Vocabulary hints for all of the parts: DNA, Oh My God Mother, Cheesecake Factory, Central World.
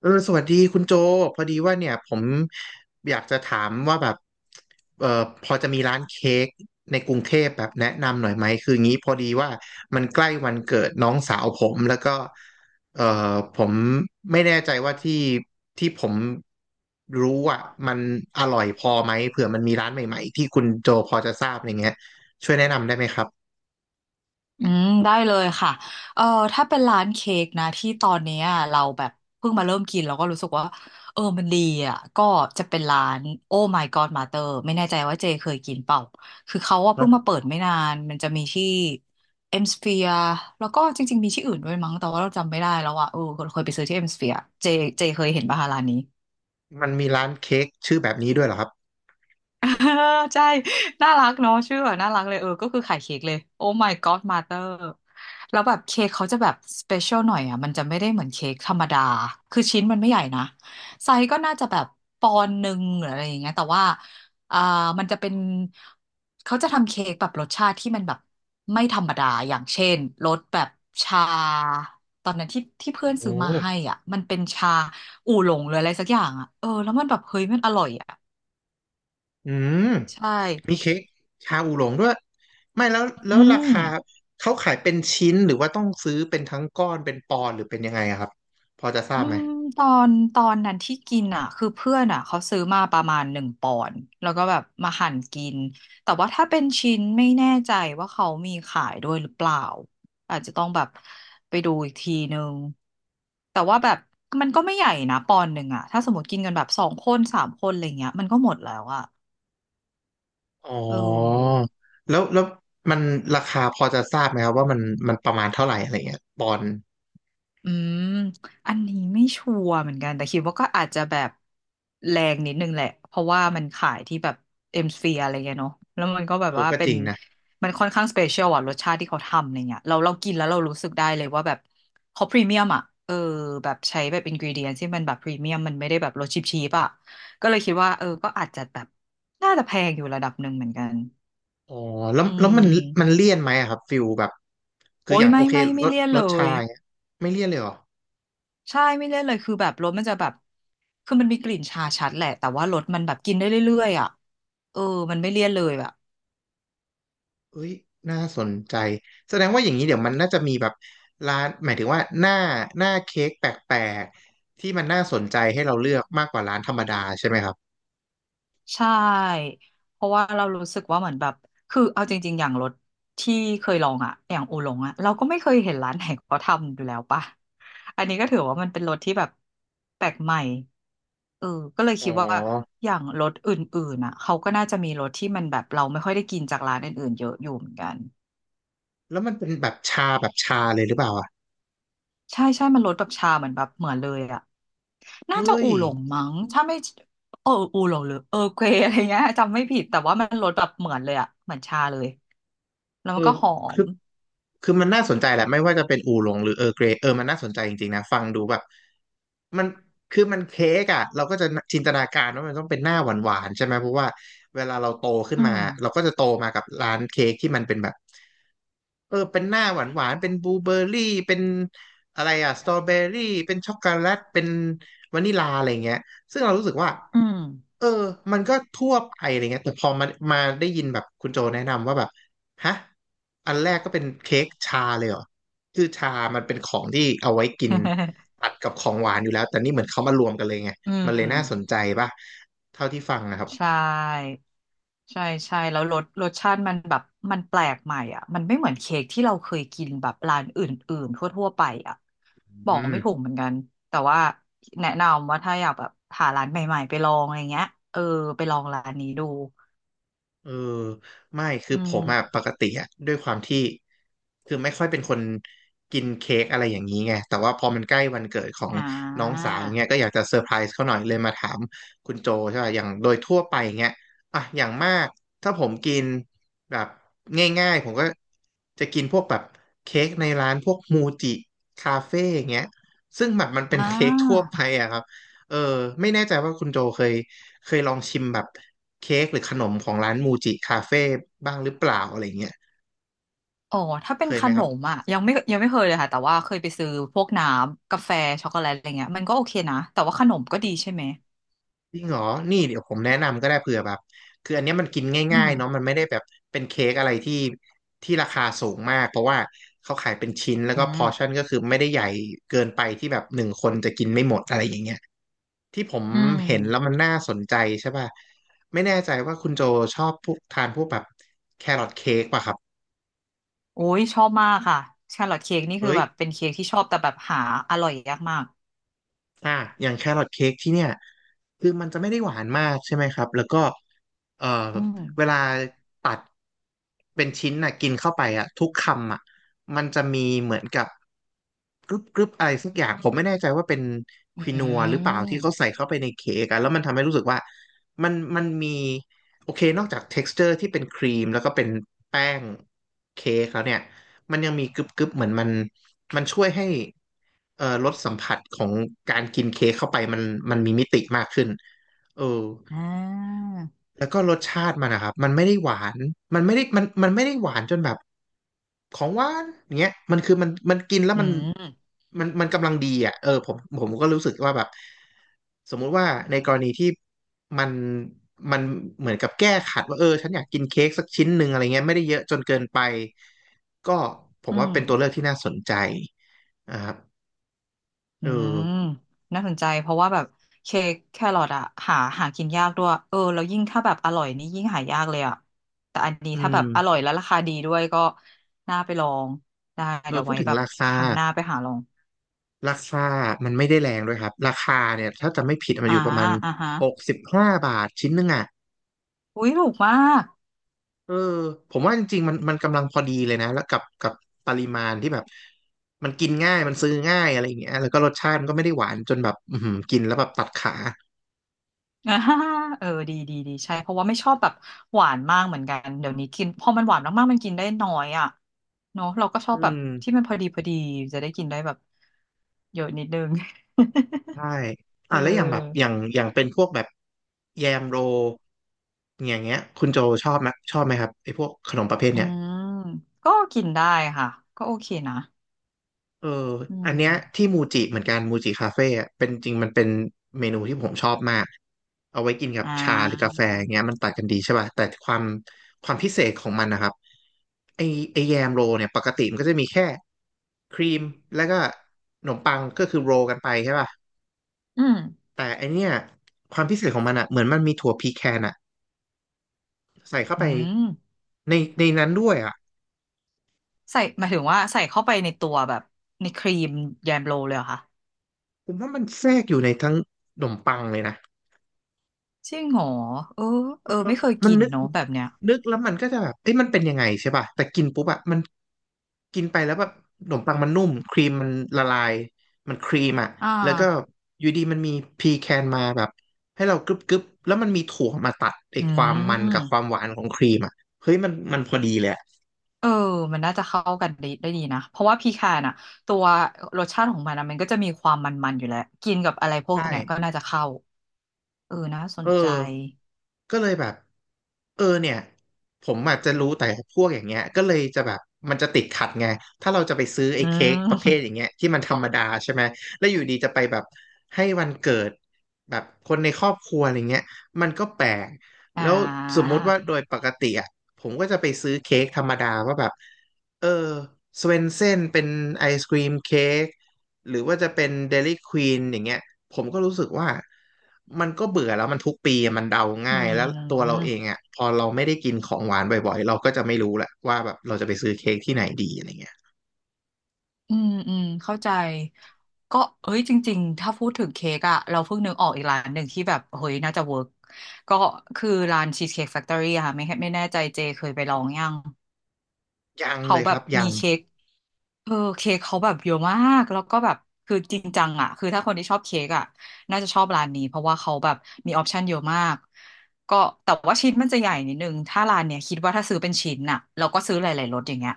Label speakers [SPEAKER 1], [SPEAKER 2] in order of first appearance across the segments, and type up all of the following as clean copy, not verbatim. [SPEAKER 1] สวัสดีคุณโจพอดีว่าเนี่ยผมอยากจะถามว่าแบบเออพอจะมีร้านเค้กในกรุงเทพแบบแนะนำหน่อยไหมคืองี้พอดีว่ามันใกล้วันเกิดน้องสาวผมแล้วก็เออผมไม่แน่ใจว่าที่ผมรู้อ่ะมันอร่อยพอไหมเผื่อมันมีร้านใหม่ๆที่คุณโจพอจะทราบอะไรเงี้ยช่วยแนะนำได้ไหมครับ
[SPEAKER 2] อืมได้เลยค่ะเออถ้าเป็นร้านเค้กนะที่ตอนเนี้ยเราแบบเพิ่งมาเริ่มกินเราก็รู้สึกว่ามันดีอ่ะก็จะเป็นร้าน Oh My God Mother ไม่แน่ใจว่าเจเคยกินเปล่าคือเขาว่าเพิ่
[SPEAKER 1] ฮะ
[SPEAKER 2] งมาเปิดไม่นานมันจะมีที่เอ็มสเฟียแล้วก็จริงๆมีที่อื่นด้วยมั้งแต่ว่าเราจำไม่ได้แล้วอ่ะเคยไปซื้อที่เอ็มสเฟียเจเจเคยเห็นป่ะคะร้านนี้
[SPEAKER 1] มันมีร้านเค้กชื่อแบบนี้ด้วยเหรอครับ
[SPEAKER 2] เออใช่ น่ารักเนาะชื่อแบบน่ารักเลยก็คือขายเค้กเลยโอ้ my god mother แล้วแบบเค้กเขาจะแบบสเปเชียลหน่อยอ่ะมันจะไม่ได้เหมือนเค้กธรรมดาคือชิ้นมันไม่ใหญ่นะไซส์ก็น่าจะแบบปอนด์หนึ่งหรืออะไรอย่างเงี้ยแต่ว่าอ่ามันจะเป็นเขาจะทำเค้กแบบรสชาติที่มันแบบไม่ธรรมดาอย่างเช่นรสแบบชาตอนนั้นที่ที่เพื่อน
[SPEAKER 1] โอ้
[SPEAKER 2] ซื้อมาให้อ่ะมันเป็นชาอู่หลงหรืออะไรสักอย่างอ่ะแล้วมันแบบเฮ้ยมันอร่อยอ่ะ
[SPEAKER 1] อืม
[SPEAKER 2] ใช่
[SPEAKER 1] มีเค้กชาอูหลงด้วยไม่แล้วแล้
[SPEAKER 2] อื
[SPEAKER 1] วรา
[SPEAKER 2] ม
[SPEAKER 1] คาเขาขายเป็นชิ้นหรือว่าต้องซื้อเป็นทั้งก้อนเป็นปอนด์หรือเป็นยังไงอะครับพอจะทรา
[SPEAKER 2] อื
[SPEAKER 1] บไหม
[SPEAKER 2] มตอนนั้นที่กินอ่ะคือเพื่อนอ่ะเขาซื้อมาประมาณหนึ่งปอนด์แล้วก็แบบมาหั่นกินแต่ว่าถ้าเป็นชิ้นไม่แน่ใจว่าเขามีขายด้วยหรือเปล่าอาจจะต้องแบบไปดูอีกทีนึงแต่ว่าแบบมันก็ไม่ใหญ่นะปอนด์หนึ่งอ่ะถ้าสมมติกินกันแบบสองคนสามคนอะไรเงี้ยมันก็หมดแล้วอ่ะ
[SPEAKER 1] อ๋
[SPEAKER 2] เออ
[SPEAKER 1] อแล้วมันราคาพอจะทราบไหมครับว่ามันประมาณเท่าไหร่อะไรเงี้ยปอนด์
[SPEAKER 2] อืมอันนี้ไม่ชัวร์เหมือนกันแต่คิดว่าก็อาจจะแบบแรงนิดนึงแหละเพราะว่ามันขายที่แบบเอ็มสเฟียอะไรเงี้ยเนาะแล้วมันก็แบบ
[SPEAKER 1] เออ
[SPEAKER 2] ว่า
[SPEAKER 1] ก็
[SPEAKER 2] เป็
[SPEAKER 1] จ
[SPEAKER 2] น
[SPEAKER 1] ริงนะ
[SPEAKER 2] มันค่อนข้างสเปเชียลอะรสชาติที่เขาทำอะไรเงี้ยเรากินแล้วเรารู้สึกได้เลยว่าแบบเขาพรีเมียมอะแบบใช้แบบอินกรีเดียนที่มันแบบพรีเมียมมันไม่ได้แบบรสชิปชีปอะก็เลยคิดว่าก็อาจจะแบบน่าจะแพงอยู่ระดับหนึ่งเหมือนกัน
[SPEAKER 1] อ๋อแล้ว
[SPEAKER 2] อื
[SPEAKER 1] แล้วมัน
[SPEAKER 2] ม
[SPEAKER 1] เลี่ยนไหมอะครับฟิลแบบคือ
[SPEAKER 2] โอ้
[SPEAKER 1] อ
[SPEAKER 2] ย
[SPEAKER 1] ย่างโอ
[SPEAKER 2] ไม่
[SPEAKER 1] เคร
[SPEAKER 2] ไม่
[SPEAKER 1] ส
[SPEAKER 2] ไม่เลี่ยน
[SPEAKER 1] ร
[SPEAKER 2] เล
[SPEAKER 1] สชา
[SPEAKER 2] ย
[SPEAKER 1] อย่างเงี้ยไม่เลี่ยนเลยเหรอ
[SPEAKER 2] ใช่ไม่เล่นเลยคือแบบรสมันจะแบบคือมันมีกลิ่นชาชัดแหละแต่ว่ารสมันแบบกินได้เรื่อยๆอ่ะเออมันไม่เลี่ยนเลยอ่ะ
[SPEAKER 1] เอ้ยน่าสนใจแสดงว่าอย่างนี้เดี๋ยวมันน่าจะมีแบบร้านหมายถึงว่าหน้าเค้กแปลกๆที่มันน่าสนใจให้เราเลือกมากกว่าร้านธรรมดาใช่ไหมครับ
[SPEAKER 2] ใช่เพราะว่าเรารู้สึกว่าเหมือนแบบคือเอาจริงๆอย่างรสที่เคยลองอ่ะอย่างอูหลงอ่ะเราก็ไม่เคยเห็นร้านไหนเขาทำอยู่แล้วป่ะอันนี้ก็ถือว่ามันเป็นรสที่แบบแปลกใหม่เออก็เลย
[SPEAKER 1] อ๋อ
[SPEAKER 2] คิดว่าอย่างรสอื่นๆอ่ะเขาก็น่าจะมีรสที่มันแบบเราไม่ค่อยได้กินจากร้านอื่นๆเยอะอยู่เหมือนกัน
[SPEAKER 1] แล้วมันเป็นแบบชาแบบชาเลยหรือเปล่าอ่ะ
[SPEAKER 2] ใช่ใช่ มันรสแบบชาเหมือนแบบเหมือนเลยอะน่าจะ
[SPEAKER 1] เฮ้ย
[SPEAKER 2] อู่หลงมั้งถ้าไม่อู่หลงหรือเกวอะไรเงี้ยจำไม่ผิด แต่ว่ามันรสแบบเหมือนเลยอะเหมือนชาเลยแล้ว
[SPEAKER 1] เอ
[SPEAKER 2] มั
[SPEAKER 1] อ
[SPEAKER 2] นก็หอ
[SPEAKER 1] คื
[SPEAKER 2] ม
[SPEAKER 1] อคือมันน่าสนใจแหละไม่ว่าจะเป็นอูหลงหรือร์เกรย์เออมันน่าสนใจจริงๆนะฟังดูแบบมันคือมันเค้กอ่ะเราก็จะจินตนาการว่ามันต้องเป็นหน้าหวานๆใช่ไหมเพราะว่าเวลาเราโตขึ้น
[SPEAKER 2] อื
[SPEAKER 1] มา
[SPEAKER 2] ม
[SPEAKER 1] เราก็จะโตมากับร้านเค้กที่มันเป็นแบบ เป็นหน้าหวานหวานเป็นบลูเบอร์รี่เป็นอะไรอะสตรอเบอรี่เป็นช็อกโกแลตเป็นวานิลาอะไรเงี้ยซึ่งเรารู้สึกว่า
[SPEAKER 2] อืม
[SPEAKER 1] เออมันก็ทั่วไปอะไรเงี้ยแต่พอมาได้ยินแบบคุณโจแนะนำว่าแบบฮะอันแรกก็เป็นเค้กชาเลยเหรอคือชามันเป็นของที่เอาไว้กิน ตัดกับของหวานอยู่แล้วแต่นี่เหมือนเขามารวมกันเลยไง
[SPEAKER 2] อื
[SPEAKER 1] มัน
[SPEAKER 2] ม
[SPEAKER 1] เลยน่าสนใจป่ะเท่าที่ฟังนะครับ
[SPEAKER 2] ใช่ ใช่ใช่แล้วรสชาติมันแบบมันแปลกใหม่อ่ะมันไม่เหมือนเค้กที่เราเคยกินแบบร้านอื่นๆทั่วๆไปอ่ะบอ
[SPEAKER 1] อื
[SPEAKER 2] ก
[SPEAKER 1] ม
[SPEAKER 2] ไม่ถูกเหมือนกันแต่ว่าแนะนำว่าถ้าอยากแบบหาร้านใหม่ๆไปลองอะไรเงี้ยเออไปลองร้านนี้ดู
[SPEAKER 1] เออไม่คื
[SPEAKER 2] อื
[SPEAKER 1] อผมอะ
[SPEAKER 2] ม
[SPEAKER 1] ปกติอะด้วยความที่คือไม่ค่อยเป็นคนกินเค้กอะไรอย่างนี้ไงแต่ว่าพอมันใกล้วันเกิดของ
[SPEAKER 2] อ่
[SPEAKER 1] น้อง
[SPEAKER 2] า
[SPEAKER 1] สาวเงี้ยก็อยากจะเซอร์ไพรส์เขาหน่อยเลยมาถามคุณโจใช่ป่ะอย่างโดยทั่วไปเงี้ยอ่ะอย่างมากถ้าผมกินแบบง่ายๆผมก็จะกินพวกแบบเค้กในร้านพวกมูจิคาเฟ่ยงเงี้ยซึ่งแบบมันเป็
[SPEAKER 2] อ่
[SPEAKER 1] นเค้กทั่ว
[SPEAKER 2] า
[SPEAKER 1] ไปอะครับเออไม่แน่ใจว่าคุณโจเคยลองชิมแบบ เค้กหรือขนมของร้านมูจิคาเฟ่บ้างหรือเปล่าอะไรเงี้ย
[SPEAKER 2] อ๋อถ้าเป็
[SPEAKER 1] เค
[SPEAKER 2] น
[SPEAKER 1] ย
[SPEAKER 2] ข
[SPEAKER 1] ไหม
[SPEAKER 2] น
[SPEAKER 1] ครั
[SPEAKER 2] ม
[SPEAKER 1] บ
[SPEAKER 2] อ่ะยังไม่เคยเลยค่ะแต่ว่าเคยไปซื้อพวกน้ำกาแฟช็อกโกแลตอะไรเงี้ยมันก็โอเคนะแต่ว่าขนมก็ดีใช่ไหม
[SPEAKER 1] จริงเหรอนี่เดี๋ยวผมแนะนำก็ได้เผื่อแบบคืออันเนี้ยมันกิน
[SPEAKER 2] อื
[SPEAKER 1] ง่า
[SPEAKER 2] ม
[SPEAKER 1] ยๆเนาะมันไม่ได้แบบเป็นเค้กอะไรที่ราคาสูงมากเพราะว่าเขาขายเป็นชิ้นแล้ว
[SPEAKER 2] อื
[SPEAKER 1] ก็พอ
[SPEAKER 2] ม
[SPEAKER 1] ร์ชั่นก็คือไม่ได้ใหญ่เกินไปที่แบบหนึ่งคนจะกินไม่หมดอะไรอย่างเงี้ยที่ผม
[SPEAKER 2] อืม
[SPEAKER 1] เห็นแล้วมันน่าสนใจใช่ป่ะไม่แน่ใจว่าคุณโจชอบพวกทานพวกแบบแครอทเค้กป่ะครับ
[SPEAKER 2] โอ้ยชอบมากค่ะชาร์ลอตเค้กนี่คือ
[SPEAKER 1] เฮ้ย
[SPEAKER 2] แบบเป็นเค้กที่ชอบแต่แบบหาอร่อยยากมาก
[SPEAKER 1] อ่ะอย่างแครอทเค้กที่เนี่ยคือมันจะไม่ได้หวานมากใช่ไหมครับแล้วก็ เอ่อ
[SPEAKER 2] อื
[SPEAKER 1] เวลา
[SPEAKER 2] ม
[SPEAKER 1] ตัดเป็นชิ้นน่ะกินเข้าไปอ่ะทุกคำอ่ะมันจะมีเหมือนกับกรึบกรึบอะไรสักอย่างผมไม่แน่ใจว่าเป็นค
[SPEAKER 2] อื
[SPEAKER 1] วินัวหรือเปล่าที่เขา
[SPEAKER 2] ม
[SPEAKER 1] ใส่เข้าไปในเค้กอะแล้วมันทำให้รู้สึกว่ามันมีโอเคนอกจาก texture ที่เป็นครีมแล้วก็เป็นแป้งเค้กแล้วเนี่ยมันยังมีกรึบกรึบเหมือนมันมันช่วยให้รสสัมผัสของการกินเค้กเข้าไปมันมีมิติมากขึ้นเออ
[SPEAKER 2] อ่า
[SPEAKER 1] แล้วก็รสชาติมันนะครับมันไม่ได้หวานมันไม่ได้มันไม่ได้หวานจนแบบของหวานอย่างเงี้ยมันคือมันกินแล้ว
[SPEAKER 2] อื
[SPEAKER 1] มัน
[SPEAKER 2] ม
[SPEAKER 1] มันมันกำลังดีอ่ะเออผมก็รู้สึกว่าแบบสมมุติว่าในกรณีที่มันมันเหมือนกับแก้ขัดว่าเออฉันอยากกินเค้กสักชิ้นหนึ่งอะไรเงี้ยไม่ได้เยอะจนเกินไปก็ผม
[SPEAKER 2] อื
[SPEAKER 1] ว่า
[SPEAKER 2] ม
[SPEAKER 1] เป็นตัวเลือกที่น่าสนใจนะครับ
[SPEAKER 2] อื
[SPEAKER 1] เออ
[SPEAKER 2] มน่าสนใจเพราะว่าแบบเค้กแครอทอะหากินยากด้วยแล้วยิ่งถ้าแบบอร่อยนี่ยิ่งหายากเลยอะแต่อันนี้
[SPEAKER 1] อื
[SPEAKER 2] ถ้าแบ
[SPEAKER 1] ม
[SPEAKER 2] บอร่อยและราคาดีด้วยก็น่าไปลองได้
[SPEAKER 1] เอ
[SPEAKER 2] เดี๋
[SPEAKER 1] อ
[SPEAKER 2] ยว
[SPEAKER 1] พูด
[SPEAKER 2] ไว้
[SPEAKER 1] ถึง
[SPEAKER 2] แบบ
[SPEAKER 1] ราคา
[SPEAKER 2] ครั้งหน้าไปหาลอง
[SPEAKER 1] ราคามันไม่ได้แรงด้วยครับ ราคาเนี่ยถ้าจะไม่ผิดมันอ
[SPEAKER 2] อ่า
[SPEAKER 1] ยู่ประมาณ
[SPEAKER 2] อ่าฮะ
[SPEAKER 1] 65 บาทชิ้นหนึงอ่ะ
[SPEAKER 2] อุ้ยถูกมาก
[SPEAKER 1] เออผมว่าจริงๆมันกำลังพอดีเลยนะแล้วกับปริมาณที่แบบมันกินง่ายมันซื้อง่ายอะไรอย่างเงี้ยแล้วก็รสชาติมันก็ไม่ได้หวานจนแบบอือหือกินแล้วแบบตัดขา
[SPEAKER 2] อ่าดีใช่เพราะว่าไม่ชอบแบบหวานมากเหมือนกันเดี๋ยวนี้กินพอมันหวานมากๆมันกินได้น้อยอ่ะเนาะเราก็ชอ
[SPEAKER 1] อื
[SPEAKER 2] บแบบ
[SPEAKER 1] ม
[SPEAKER 2] ที่มันพอดีจะได้กินได้แบบเยอะนิดนึง
[SPEAKER 1] ใช่
[SPEAKER 2] เ
[SPEAKER 1] อ่ะแล้วอย่างแบบอ
[SPEAKER 2] ออ
[SPEAKER 1] ย่างอย่างเป็นพวกแบบแยมโรอย่างเงี้ยคุณโจชอบไหมครับไอ้พวกขนมประเภท
[SPEAKER 2] อื
[SPEAKER 1] เนี้ย
[SPEAKER 2] มก็กินได้ค่ะก็โอเคนะ
[SPEAKER 1] เออ
[SPEAKER 2] อืม
[SPEAKER 1] อัน
[SPEAKER 2] อ
[SPEAKER 1] เนี้
[SPEAKER 2] น
[SPEAKER 1] ย
[SPEAKER 2] เนี้ย
[SPEAKER 1] ที่มูจิเหมือนกันมูจิคาเฟ่อะเป็นจริงมันเป็นเมนูที่ผมชอบมากเอาไว้กินกับ
[SPEAKER 2] อ่า
[SPEAKER 1] ชาหรือกาแฟอย่างเงี้ยมันตัดกันดีใช่ป่ะแต่ความพิเศษของมันนะครับไอไอแยมโรลเนี่ยปกติมันก็จะมีแค่ครีมแล้วก็ขนมปังก็คือโรลกันไปใช่ป่ะ
[SPEAKER 2] อืม
[SPEAKER 1] แต่ไอเนี้ยความพิเศษของมันอะเหมือนมันมีถั่วพีแคนอะใส่เข้า
[SPEAKER 2] อื
[SPEAKER 1] ไป
[SPEAKER 2] ม
[SPEAKER 1] ในนั้นด้วยอะ
[SPEAKER 2] ใส่หมายถึงว่าใส่เข้าไปในตัวแบบในครีมแยมโรเลยเหรอคะ
[SPEAKER 1] ผมว่ามันแทรกอยู่ในทั้งขนมปังเลยนะ
[SPEAKER 2] จริงเหรอเออเออไม่เคย
[SPEAKER 1] มัน
[SPEAKER 2] กิน
[SPEAKER 1] นึก
[SPEAKER 2] เนาะแบบเนี้ย
[SPEAKER 1] นึกแล้วมันก็จะแบบเอ้ยมันเป็นยังไงใช่ป่ะแต่กินปุ๊บอะมันกินไปแล้วแบบขนมปังมันนุ่มครีมมันละลายมันครีมอะ
[SPEAKER 2] อ่า
[SPEAKER 1] แล้วก็อยู่ดีมันมีพีแคนมาแบบให้เรากรึบกรึบแล้วมันมีถั่วมาตัดไอ้
[SPEAKER 2] อื
[SPEAKER 1] ความมันกับความ
[SPEAKER 2] ม
[SPEAKER 1] หวานของครีมอะเฮ้ยมันพอดีเลยอะ
[SPEAKER 2] เออมันน่าจะเข้ากันได้ดีนะเพราะว่าพีคานอ่ะตัวรสชาติของมันอะมันก็จะมีความมันๆอยู่แล้วกินกับอะไรพ
[SPEAKER 1] ใ
[SPEAKER 2] วกเนี้ยก็
[SPEAKER 1] ช่
[SPEAKER 2] น่าจะเข้าเออน่าส
[SPEAKER 1] เอ
[SPEAKER 2] น
[SPEAKER 1] อ
[SPEAKER 2] ใจ
[SPEAKER 1] ก็เลยแบบเออเนี่ยผมอาจจะรู้แต่พวกอย่างเงี้ยก็เลยจะแบบมันจะติดขัดไงถ้าเราจะไปซื้อไอ้
[SPEAKER 2] อื
[SPEAKER 1] เค้กประเภทอย่าง
[SPEAKER 2] ม
[SPEAKER 1] เงี้ยที่มันธรรมดาใช่ไหมแล้วอยู่ดีจะไปแบบให้วันเกิดแบบคนในครอบครัวอะไรเงี้ยมันก็แปลก
[SPEAKER 2] อ่
[SPEAKER 1] แล้วสม
[SPEAKER 2] า
[SPEAKER 1] มุติว่าโดยปกติอ่ะผมก็จะไปซื้อเค้กธรรมดาว่าแบบเออสเวนเซ่นเป็นไอศกรีมเค้ก หรือว่าจะเป็น Dairy Queen อย่างเงี้ยผมก็รู้สึกว่ามันก็เบื่อแล้วมันทุกปีมันเดา
[SPEAKER 2] อื
[SPEAKER 1] ง่ายแล้วตัวเรา
[SPEAKER 2] ม
[SPEAKER 1] เองอ่ะพอเราไม่ได้กินของหวานบ่อยๆเราก็จะไม่รู้แหละว่าแบบเราจะไปซื้อเค้กที่ไหนดีอะไรเงี้ย
[SPEAKER 2] อืมเข้าใจก็เอ้ยจริงๆถ้าพูดถึงเค้กอะเราเพิ่งนึกออกอีกร้านหนึ่งที่แบบเฮ้ยน่าจะเวิร์กก็คือร้านชีสเค้กแฟคทอรี่ค่ะไม่แน่ใจเจเคยไปลองยัง
[SPEAKER 1] ยัง
[SPEAKER 2] เขา
[SPEAKER 1] เลย
[SPEAKER 2] แบ
[SPEAKER 1] ครั
[SPEAKER 2] บ
[SPEAKER 1] บ
[SPEAKER 2] มี
[SPEAKER 1] ยัง
[SPEAKER 2] เค้ก เออเค้กเขาแบบเยอะมากแล้วก็แบบคือจริงจังอ่ะคือถ้าคนที่ชอบเค้กอ่ะน่าจะชอบร้านนี้เพราะว่าเขาแบบมีออปชันเยอะมากก็แต่ว่าชิ้นมันจะใหญ่นิดนึงถ้าร้านเนี้ยคิดว่าถ้าซื้อเป็นชิ้นน่ะเราก็ซื้อหลายๆรสอย่างเงี้ย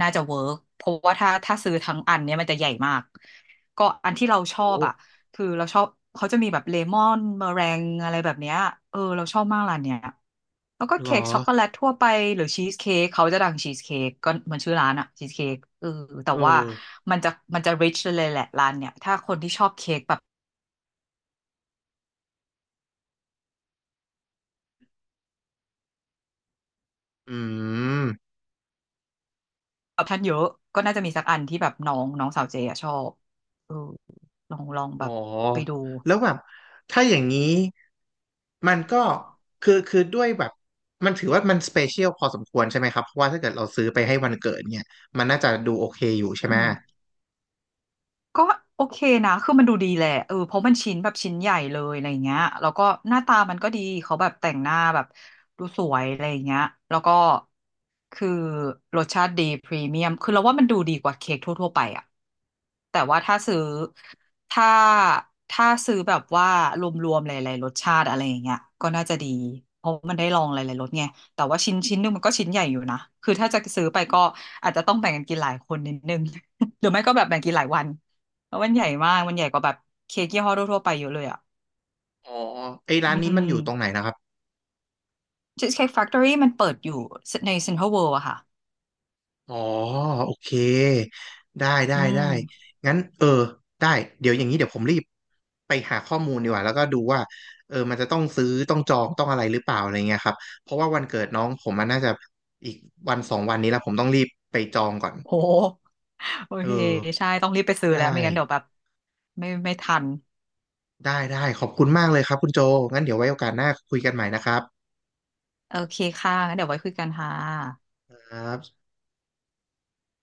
[SPEAKER 2] น่าจะเวิร์กเพราะว่าถ้าซื้อทั้งอันเนี้ยมันจะใหญ่มากก็อันที่เราชอบ
[SPEAKER 1] โอ้
[SPEAKER 2] อ่ะ คือเราชอบเขาจะมีแบบเลมอนเมอแรงอะไรแบบเนี้ยเออเราชอบมากร้านเนี้ยแล้วก็
[SPEAKER 1] หรอ
[SPEAKER 2] เค้กช็อกโกแลตทั่วไปหรือชีสเค้กเขาจะดังชีสเค้กก็เหมือนชื่อร้านอะชีสเค้กเออแต่
[SPEAKER 1] เอ
[SPEAKER 2] ว่า
[SPEAKER 1] อ
[SPEAKER 2] มันจะมันจะ rich เลยแหละร้านเนี่ยถ้าคนที่ชอบเค้กแบบ
[SPEAKER 1] อืม
[SPEAKER 2] ออปชั่นเยอะก็น่าจะมีสักอันที่แบบน้องน้องสาวเจอะชอบเออลอง
[SPEAKER 1] อ๋
[SPEAKER 2] แบ
[SPEAKER 1] อ
[SPEAKER 2] บไปดู
[SPEAKER 1] แล้วแบบถ้าอย่างนี้มันก็คือด้วยแบบมันถือว่ามันสเปเชียลพอสมควรใช่ไหมครับเพราะว่าถ้าเกิดเราซื้อไปให้วันเกิดเนี่ยมันน่าจะดูโอเคอยู่ใช่ไห
[SPEAKER 2] อื
[SPEAKER 1] ม
[SPEAKER 2] ม ก็โอเคนะคือมันดูดีแหละเออเพราะมันชิ้นแบบชิ้นใหญ่เลยอะไรเงี้ยแล้วก็หน้าตามันก็ดี เขาแบบแต่งหน้าแบบดูสวยอะไรเงี้ยแล้วก็คือรสชาติดีพรีเมียมคือเราว่ามันดูดีกว่าเค้กทั่วๆไปอะแต่ว่าถ้าซื้อถ้าถ้าซื้อแบบว่ารวมๆหลายๆรสชาติอะไรอย่างเงี้ยก็น่าจะดีเพราะมันได้ลองหลายๆรสไงแต่ว่าชิ้นหนึงมันก็ชิ้นใหญ่อยู่นะคือถ้าจะซื้อไปก็อาจจะต้องแบ่งกันกินหลายคนนิดนึง หรือไม่ก็แบบแบ่งกินหลายวัน แล้วมันใหญ่มากมันใหญ่กว่าแบบเค้กยี่ห้อทั่วๆไปเยอะเลยอ่ะ
[SPEAKER 1] อ๋อไอ้
[SPEAKER 2] อื
[SPEAKER 1] ร้านนี้มั
[SPEAKER 2] ม
[SPEAKER 1] นอยู่ตรงไหนนะครับ
[SPEAKER 2] Cheesecake Factory มันเปิดอยู่ใน Central World อะค่ะ
[SPEAKER 1] อ๋อโอเคได้ได้
[SPEAKER 2] อื
[SPEAKER 1] ได้
[SPEAKER 2] ม
[SPEAKER 1] งั้นเออได้เดี๋ยวอย่างนี้เดี๋ยวผมรีบไปหาข้อมูลดีกว่าแล้วก็ดูว่าเออมันจะต้องซื้อต้องจองต้องอะไรหรือเปล่าอะไรเงี้ยครับเพราะว่าวันเกิดน้องผมมันน่าจะอีกวันสองวันนี้แล้วผมต้องรีบไปจองก่อน
[SPEAKER 2] โหโอ
[SPEAKER 1] เอ
[SPEAKER 2] เค
[SPEAKER 1] อ
[SPEAKER 2] ใช่ ต้องรีบไปซื้อแล้ว
[SPEAKER 1] ได้
[SPEAKER 2] ไม่งั้นเดี๋ยวแบบไม่ทัน
[SPEAKER 1] ได้ได้ขอบคุณมากเลยครับคุณโจงั้นเดี๋ยวไว้โอกาสหน้าคุยกันใหม่นะครับ
[SPEAKER 2] โอเคค่ะงั้นเดี๋ยวไว้คุยกันค่ะ
[SPEAKER 1] ครับ